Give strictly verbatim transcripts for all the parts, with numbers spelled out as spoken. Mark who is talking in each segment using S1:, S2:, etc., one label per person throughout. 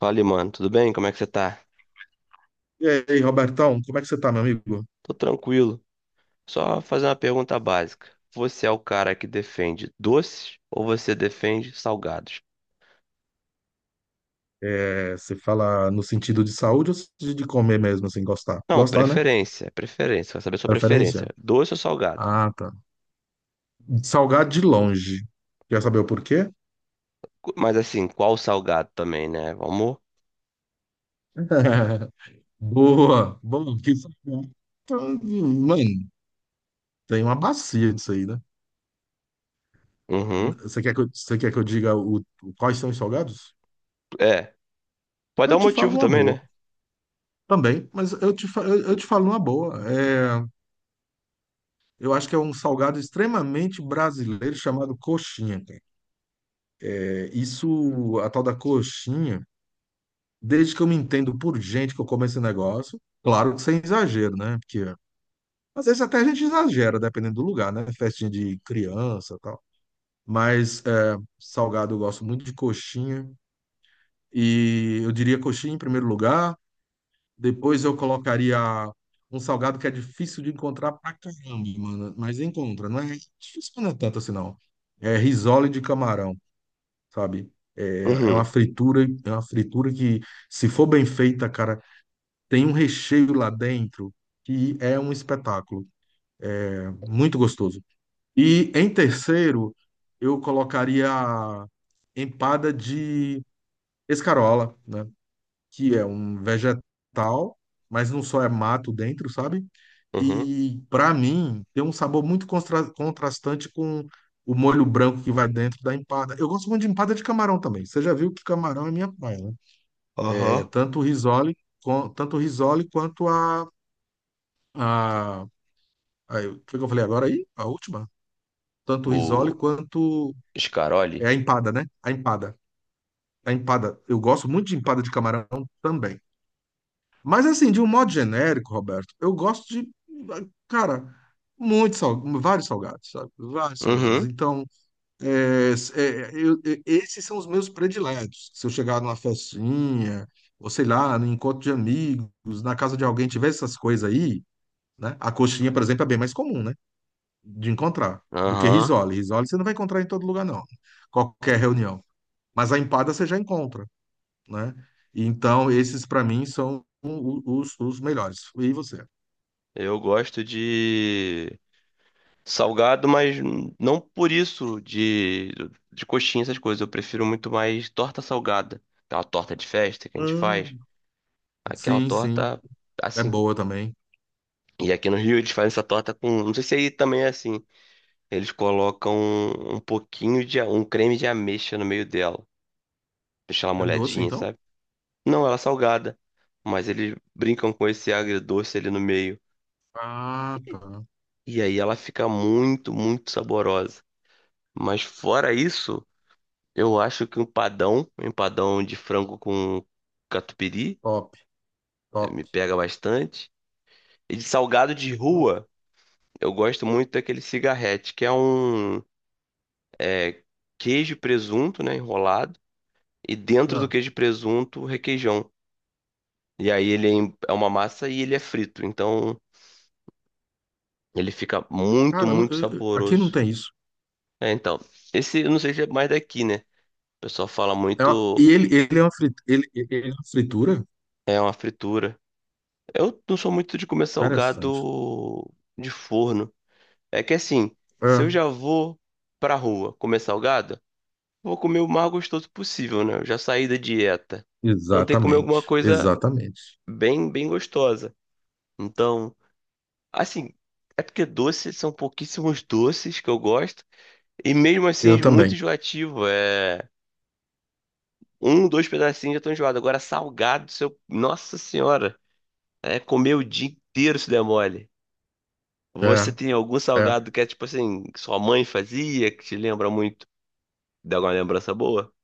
S1: Fala, mano, tudo bem? Como é que você tá?
S2: E aí, Robertão, como é que você tá, meu amigo?
S1: Tô tranquilo. Só fazer uma pergunta básica. Você é o cara que defende doces ou você defende salgados?
S2: É, você fala no sentido de saúde ou de comer mesmo, assim, gostar?
S1: Não,
S2: Gostar, né?
S1: preferência, preferência. Quero saber sua preferência.
S2: Preferência?
S1: Doce ou salgado?
S2: Ah, tá. Salgado de longe. Quer saber o porquê?
S1: Cu- Mas assim, qual salgado também, né? Vamos.
S2: Boa! Bom, que salgado. Então, Mano, tem uma bacia disso aí, né?
S1: Uhum.
S2: Você quer que eu, você quer que eu diga o, quais são os salgados?
S1: É. Pode dar
S2: Eu
S1: um
S2: te falo
S1: motivo
S2: uma
S1: também,
S2: boa
S1: né?
S2: também, mas eu te, fa- eu, eu te falo uma boa. É, eu acho que é um salgado extremamente brasileiro chamado coxinha. Isso, a tal da coxinha, desde que eu me entendo por gente que eu como esse negócio, claro que sem exagero, né? Porque às vezes até a gente exagera, dependendo do lugar, né? Festinha de criança e tal. Mas é, salgado eu gosto muito de coxinha. E eu diria coxinha em primeiro lugar. Depois eu colocaria um salgado que é difícil de encontrar pra caramba, mano. Mas encontra, não é difícil, mas não é tanto assim, não. É risole de camarão, sabe? É uma
S1: Uhum.
S2: fritura, é uma fritura que, se for bem feita, cara, tem um recheio lá dentro que é um espetáculo. É muito gostoso. E em terceiro, eu colocaria a empada de escarola, né? Que é um vegetal, mas não só é mato dentro, sabe?
S1: Uhum.
S2: E para mim tem um sabor muito constra- contrastante com o molho branco que vai dentro da empada. Eu gosto muito de empada de camarão também. Você já viu que camarão é minha praia, né? É,
S1: Aham.
S2: tanto o Risoli, com- tanto o Risoli quanto a, a, a- o que eu falei agora aí? A última? Tanto o Risoli
S1: O
S2: quanto é
S1: Scaroli?
S2: a empada, né? A empada. A empada. Eu gosto muito de empada de camarão também. Mas assim, de um modo genérico, Roberto, eu gosto de, cara, muito sal, vários salgados, sabe? Vários salgados.
S1: Uhum.
S2: Então, é, é, eu- é, esses são os meus prediletos. Se eu chegar numa festinha, ou sei lá, no encontro de amigos, na casa de alguém, tiver essas coisas aí, né? A coxinha, por exemplo, é bem mais comum, né? De encontrar do que
S1: Aham.
S2: risole. Risole você não vai encontrar em todo lugar, não. Qualquer reunião. Mas a empada você já encontra, né? Então, esses para mim são o- os, os melhores. E você?
S1: Eu gosto de salgado, mas não por isso de, de coxinha, essas coisas. Eu prefiro muito mais torta salgada. Aquela torta de festa que a gente faz.
S2: Hum.
S1: Aquela
S2: Sim, sim.
S1: torta,
S2: É
S1: assim.
S2: boa também.
S1: E aqui no Rio eles fazem essa torta com. Não sei se aí também é assim. Eles colocam um pouquinho de a- um creme de ameixa no meio dela. Deixa ela
S2: É doce,
S1: molhadinha,
S2: então?
S1: sabe? Não, ela é salgada. Mas eles brincam com esse agridoce ali no meio.
S2: Ah, tá.
S1: E aí ela fica muito, muito saborosa. Mas fora isso, eu acho que um padão, um empadão de frango com catupiry,
S2: Top,
S1: eh,
S2: top,
S1: me pega bastante. E de salgado de
S2: top.
S1: rua, eu gosto muito daquele cigarrete, que é um eh, queijo e presunto, né, enrolado, e dentro do
S2: Ah,
S1: queijo e presunto, requeijão. E aí ele é em- é uma massa e ele é frito, então ele fica muito,
S2: cara, não-
S1: muito
S2: eu- eu- aqui não
S1: saboroso.
S2: tem isso.
S1: É, então, esse eu não sei se é mais daqui, né? O pessoal fala
S2: É uma- e
S1: muito,
S2: ele, ele é uma fritura. Ele, ele é uma fritura?
S1: é uma fritura. Eu não sou muito de comer
S2: Interessante.
S1: salgado de forno. É que assim, se
S2: É,
S1: eu já vou pra rua comer salgado, vou comer o mais gostoso possível, né? Eu já saí da dieta. Então tem que comer
S2: exatamente,
S1: alguma coisa
S2: exatamente.
S1: bem, bem gostosa. Então, assim, é porque doces são pouquíssimos doces que eu gosto. E mesmo assim
S2: Eu
S1: é muito
S2: também.
S1: enjoativo. É um, dois pedacinhos já tô enjoado. Agora salgado, seu... Nossa Senhora, é comer o dia inteiro se der mole. Você
S2: É,
S1: tem algum
S2: é.
S1: salgado que é tipo assim, que sua mãe fazia, que te lembra muito? Dá alguma lembrança boa?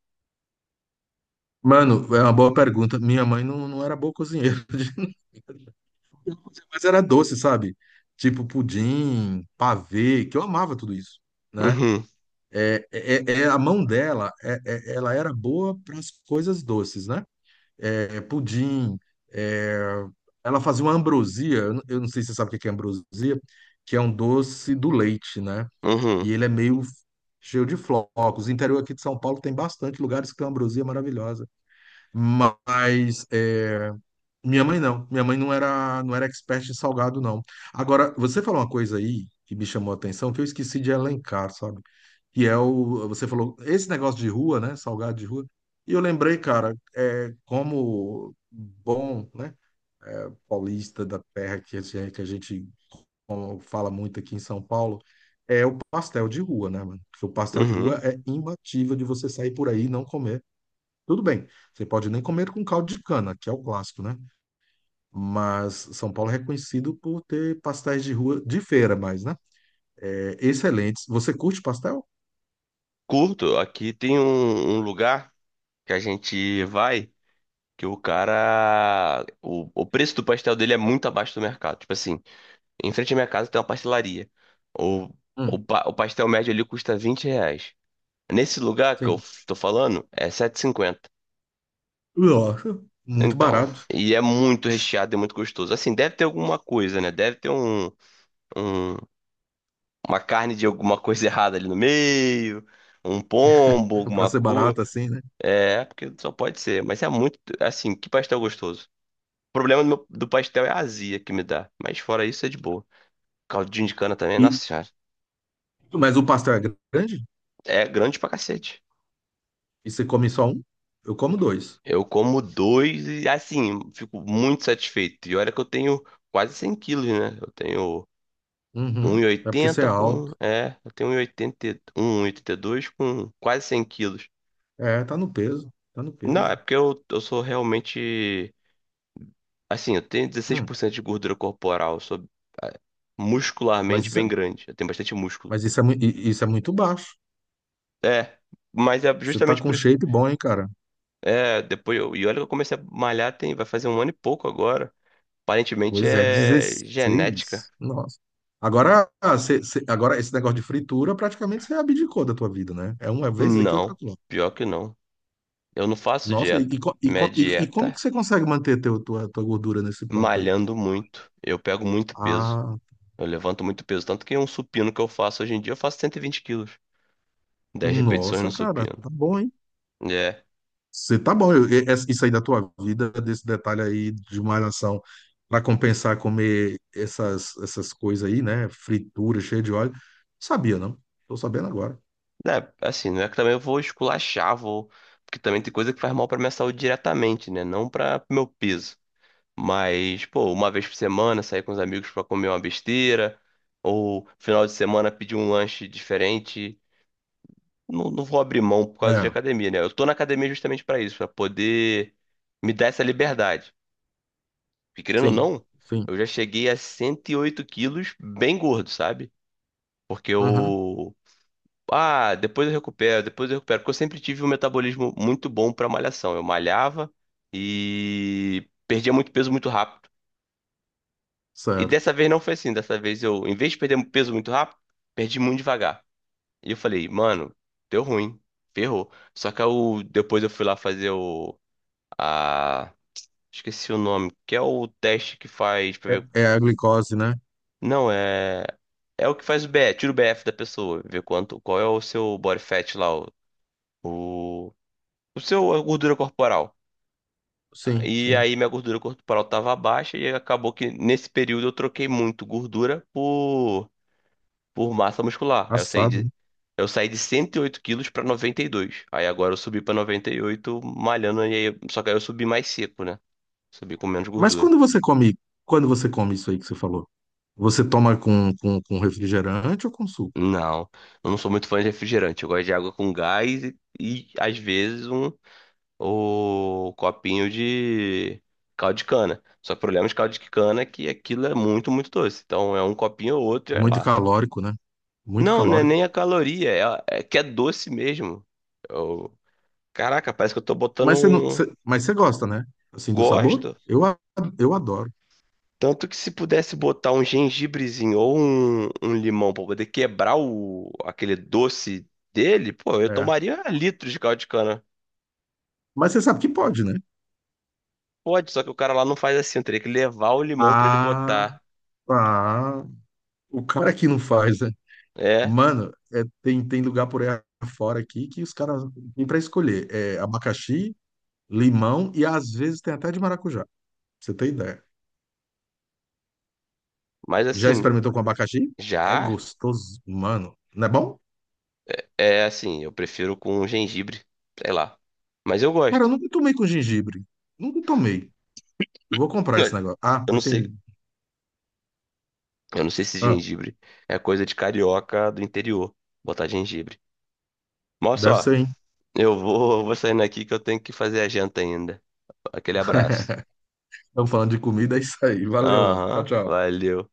S2: Mano, é uma boa pergunta. Minha mãe não, não era boa cozinheira, de- mas era doce, sabe? Tipo pudim, pavê, que eu amava tudo isso, né?
S1: Uhum,
S2: É, é, é- é, a mão dela, é- é- ela era boa para as coisas doces, né? É, pudim. É, ela fazia uma ambrosia, eu não eu não sei se você sabe o que que é ambrosia, que é um doce do leite, né? E
S1: uhum,
S2: ele é meio cheio de flocos. O interior aqui de São Paulo tem bastante lugares que tem uma ambrosia maravilhosa. Mas é, minha mãe não. Minha mãe não era, não era expert em salgado, não. Agora, você falou uma coisa aí que me chamou a atenção, que eu esqueci de elencar, sabe? Que é o, você falou, esse negócio de rua, né, salgado de rua, e eu lembrei, cara, é, como bom, né, paulista da terra que a gente, que a gente como fala muito aqui em São Paulo, é o pastel de rua, né, mano, porque o pastel de
S1: uhum.
S2: rua é imbatível de você sair por aí e não comer. Tudo bem, você pode nem comer com caldo de cana, que é o clássico, né? Mas São Paulo é reconhecido por ter pastéis de rua de feira, mais, né? É, excelentes. Você curte pastel?
S1: Curto, aqui tem um, um lugar que a gente vai que o cara. O, o preço do pastel dele é muito abaixo do mercado. Tipo assim, em frente à minha casa tem uma pastelaria. O, o,
S2: Hum,
S1: pa- o pastel médio ali custa vinte reais. Nesse lugar que eu
S2: sim.
S1: f- tô falando, é sete e cinquenta.
S2: Nossa, muito
S1: Então,
S2: barato.
S1: e é muito recheado e muito gostoso. Assim, deve ter alguma coisa, né? Deve ter um. um- uma carne de alguma coisa errada ali no meio, um pombo,
S2: Para
S1: alguma
S2: ser
S1: coisa.
S2: barato assim, né?
S1: É, porque só pode ser. Mas é muito, assim, que pastel gostoso. O problema do, meu- do pastel é a azia que me dá. Mas fora isso, é de boa. Caldinho de cana também, nossa
S2: E,
S1: senhora.
S2: mas o pastel é grande?
S1: É grande pra cacete.
S2: E você come só um? Eu como dois.
S1: Eu como dois e, assim, fico muito satisfeito. E olha que eu tenho quase cem quilos, né? Eu tenho um e
S2: Uhum. É porque você é
S1: oitenta com...
S2: alto.
S1: É, eu tenho um um um, um 1,80, dois com quase cem quilos.
S2: É, tá no peso. Tá no
S1: Não, é
S2: peso.
S1: porque eu, eu sou realmente. Assim, eu tenho dezesseis
S2: Hum.
S1: por cento de gordura corporal. Eu sou ah,
S2: Mas
S1: muscularmente
S2: isso é,
S1: bem grande. Eu tenho bastante músculo.
S2: mas isso é, mui- i- isso é muito baixo.
S1: É, mas é
S2: Você tá
S1: justamente
S2: com
S1: por isso.
S2: shape bom, hein, cara?
S1: É, depois eu. E olha que eu comecei a malhar tem, vai fazer um ano e pouco agora. Aparentemente
S2: Pois é,
S1: é genética.
S2: dezesseis, nossa. Agora, ah, cê- cê- agora esse negócio de fritura praticamente você abdicou da tua vida, né? É uma vez aqui, outra
S1: Não,
S2: lá.
S1: pior que não. Eu não faço
S2: Nossa, e, e,
S1: dieta.
S2: co- e,
S1: Minha
S2: co- e- e como que
S1: dieta,
S2: você consegue manter teu, tua, tua gordura nesse ponto aí?
S1: malhando muito. Eu pego muito peso.
S2: Ah,
S1: Eu levanto muito peso. Tanto que um supino que eu faço hoje em dia, eu faço cento e vinte quilos. Dez repetições
S2: nossa,
S1: no
S2: cara,
S1: supino.
S2: tá bom, hein?
S1: É,
S2: Você tá bom, eu- e- essa- isso aí da tua vida, desse detalhe aí de malhação, para compensar comer essas, essas coisas aí, né? Fritura, cheia de óleo. Sabia, não? Tô sabendo agora.
S1: né, assim, não é que também eu vou esculachar, vou. Porque também tem coisa que faz mal pra minha saúde diretamente, né? Não pra meu peso. Mas, pô, uma vez por semana sair com os amigos pra comer uma besteira, ou final de semana pedir um lanche diferente. Não, não vou abrir mão por causa de
S2: É,
S1: academia, né? Eu tô na academia justamente pra isso, pra poder me dar essa liberdade. Porque querendo ou
S2: sim,
S1: não,
S2: sim.
S1: eu já cheguei a cento e oito quilos bem gordo, sabe? Porque
S2: Aham,
S1: eu. Ah, depois eu recupero, depois eu recupero. Porque eu sempre tive um metabolismo muito bom pra malhação. Eu malhava e perdia muito peso muito rápido. E dessa
S2: certo.
S1: vez não foi assim. Dessa vez eu, em vez de perder peso muito rápido, perdi muito devagar. E eu falei, mano, deu ruim, ferrou. Só que eu, depois eu fui lá fazer o. A. Esqueci o nome, que é o teste que faz pra
S2: É,
S1: ver.
S2: é a glicose, né?
S1: Não, é. É o que faz o B F, tira o B F da pessoa, ver quanto, qual é o seu body fat lá, o, o seu a gordura corporal.
S2: Sim,
S1: E
S2: sim.
S1: aí minha gordura corporal estava baixa e acabou que nesse período eu troquei muito gordura por, por massa muscular. Aí eu saí
S2: Assado,
S1: de
S2: né?
S1: Eu saí de cento e oito quilos para noventa e dois. Aí agora eu subi para noventa e oito malhando e aí, só que aí eu subi mais seco, né? Subi com menos
S2: Mas
S1: gordura.
S2: quando você come, quando você come isso aí que você falou, você toma com, com, com refrigerante ou com suco?
S1: Não, eu não sou muito fã de refrigerante. Eu gosto de água com gás e, e às vezes um, o copinho de caldo de cana. Só que o problema de caldo de cana é que aquilo é muito, muito doce. Então é um copinho ou outro e é
S2: Muito
S1: lá.
S2: calórico, né? Muito
S1: Não, não é nem
S2: calórico.
S1: a caloria, é a- é que é doce mesmo. Eu- caraca, parece que eu tô botando
S2: Mas você não,
S1: um.
S2: você- mas você gosta, né? Assim, do sabor?
S1: Gosto.
S2: Eu, a- eu adoro.
S1: Tanto que se pudesse botar um gengibrezinho ou um, um limão pra poder quebrar o, aquele doce dele, pô, eu
S2: É.
S1: tomaria litros de caldo de cana.
S2: Mas você sabe que pode, né?
S1: Pode, só que o cara lá não faz assim, eu teria que levar o limão pra ele
S2: Ah,
S1: botar.
S2: ah, o cara que não faz, né?
S1: É,
S2: Mano, é, tem, tem lugar por aí fora aqui que os caras têm pra escolher. É abacaxi, limão e às vezes tem até de maracujá. Pra Você tem ideia?
S1: mas
S2: Já
S1: assim,
S2: experimentou com abacaxi? É
S1: já
S2: gostoso, mano. Não é bom?
S1: é assim, eu prefiro com gengibre, sei lá. Mas eu
S2: Cara, eu
S1: gosto.
S2: nunca tomei com gengibre. Nunca tomei. Vou comprar esse negócio. Ah,
S1: Eu não
S2: mas tem.
S1: sei, eu não sei se
S2: Ah,
S1: gengibre é coisa de carioca do interior, botar gengibre. Mas
S2: deve
S1: olha só,
S2: ser, hein?
S1: eu vou, vou saindo aqui que eu tenho que fazer a janta ainda. Aquele abraço.
S2: Estamos falando de comida, é isso aí. Valeu, mano. Tchau,
S1: Aham,
S2: tchau.
S1: valeu.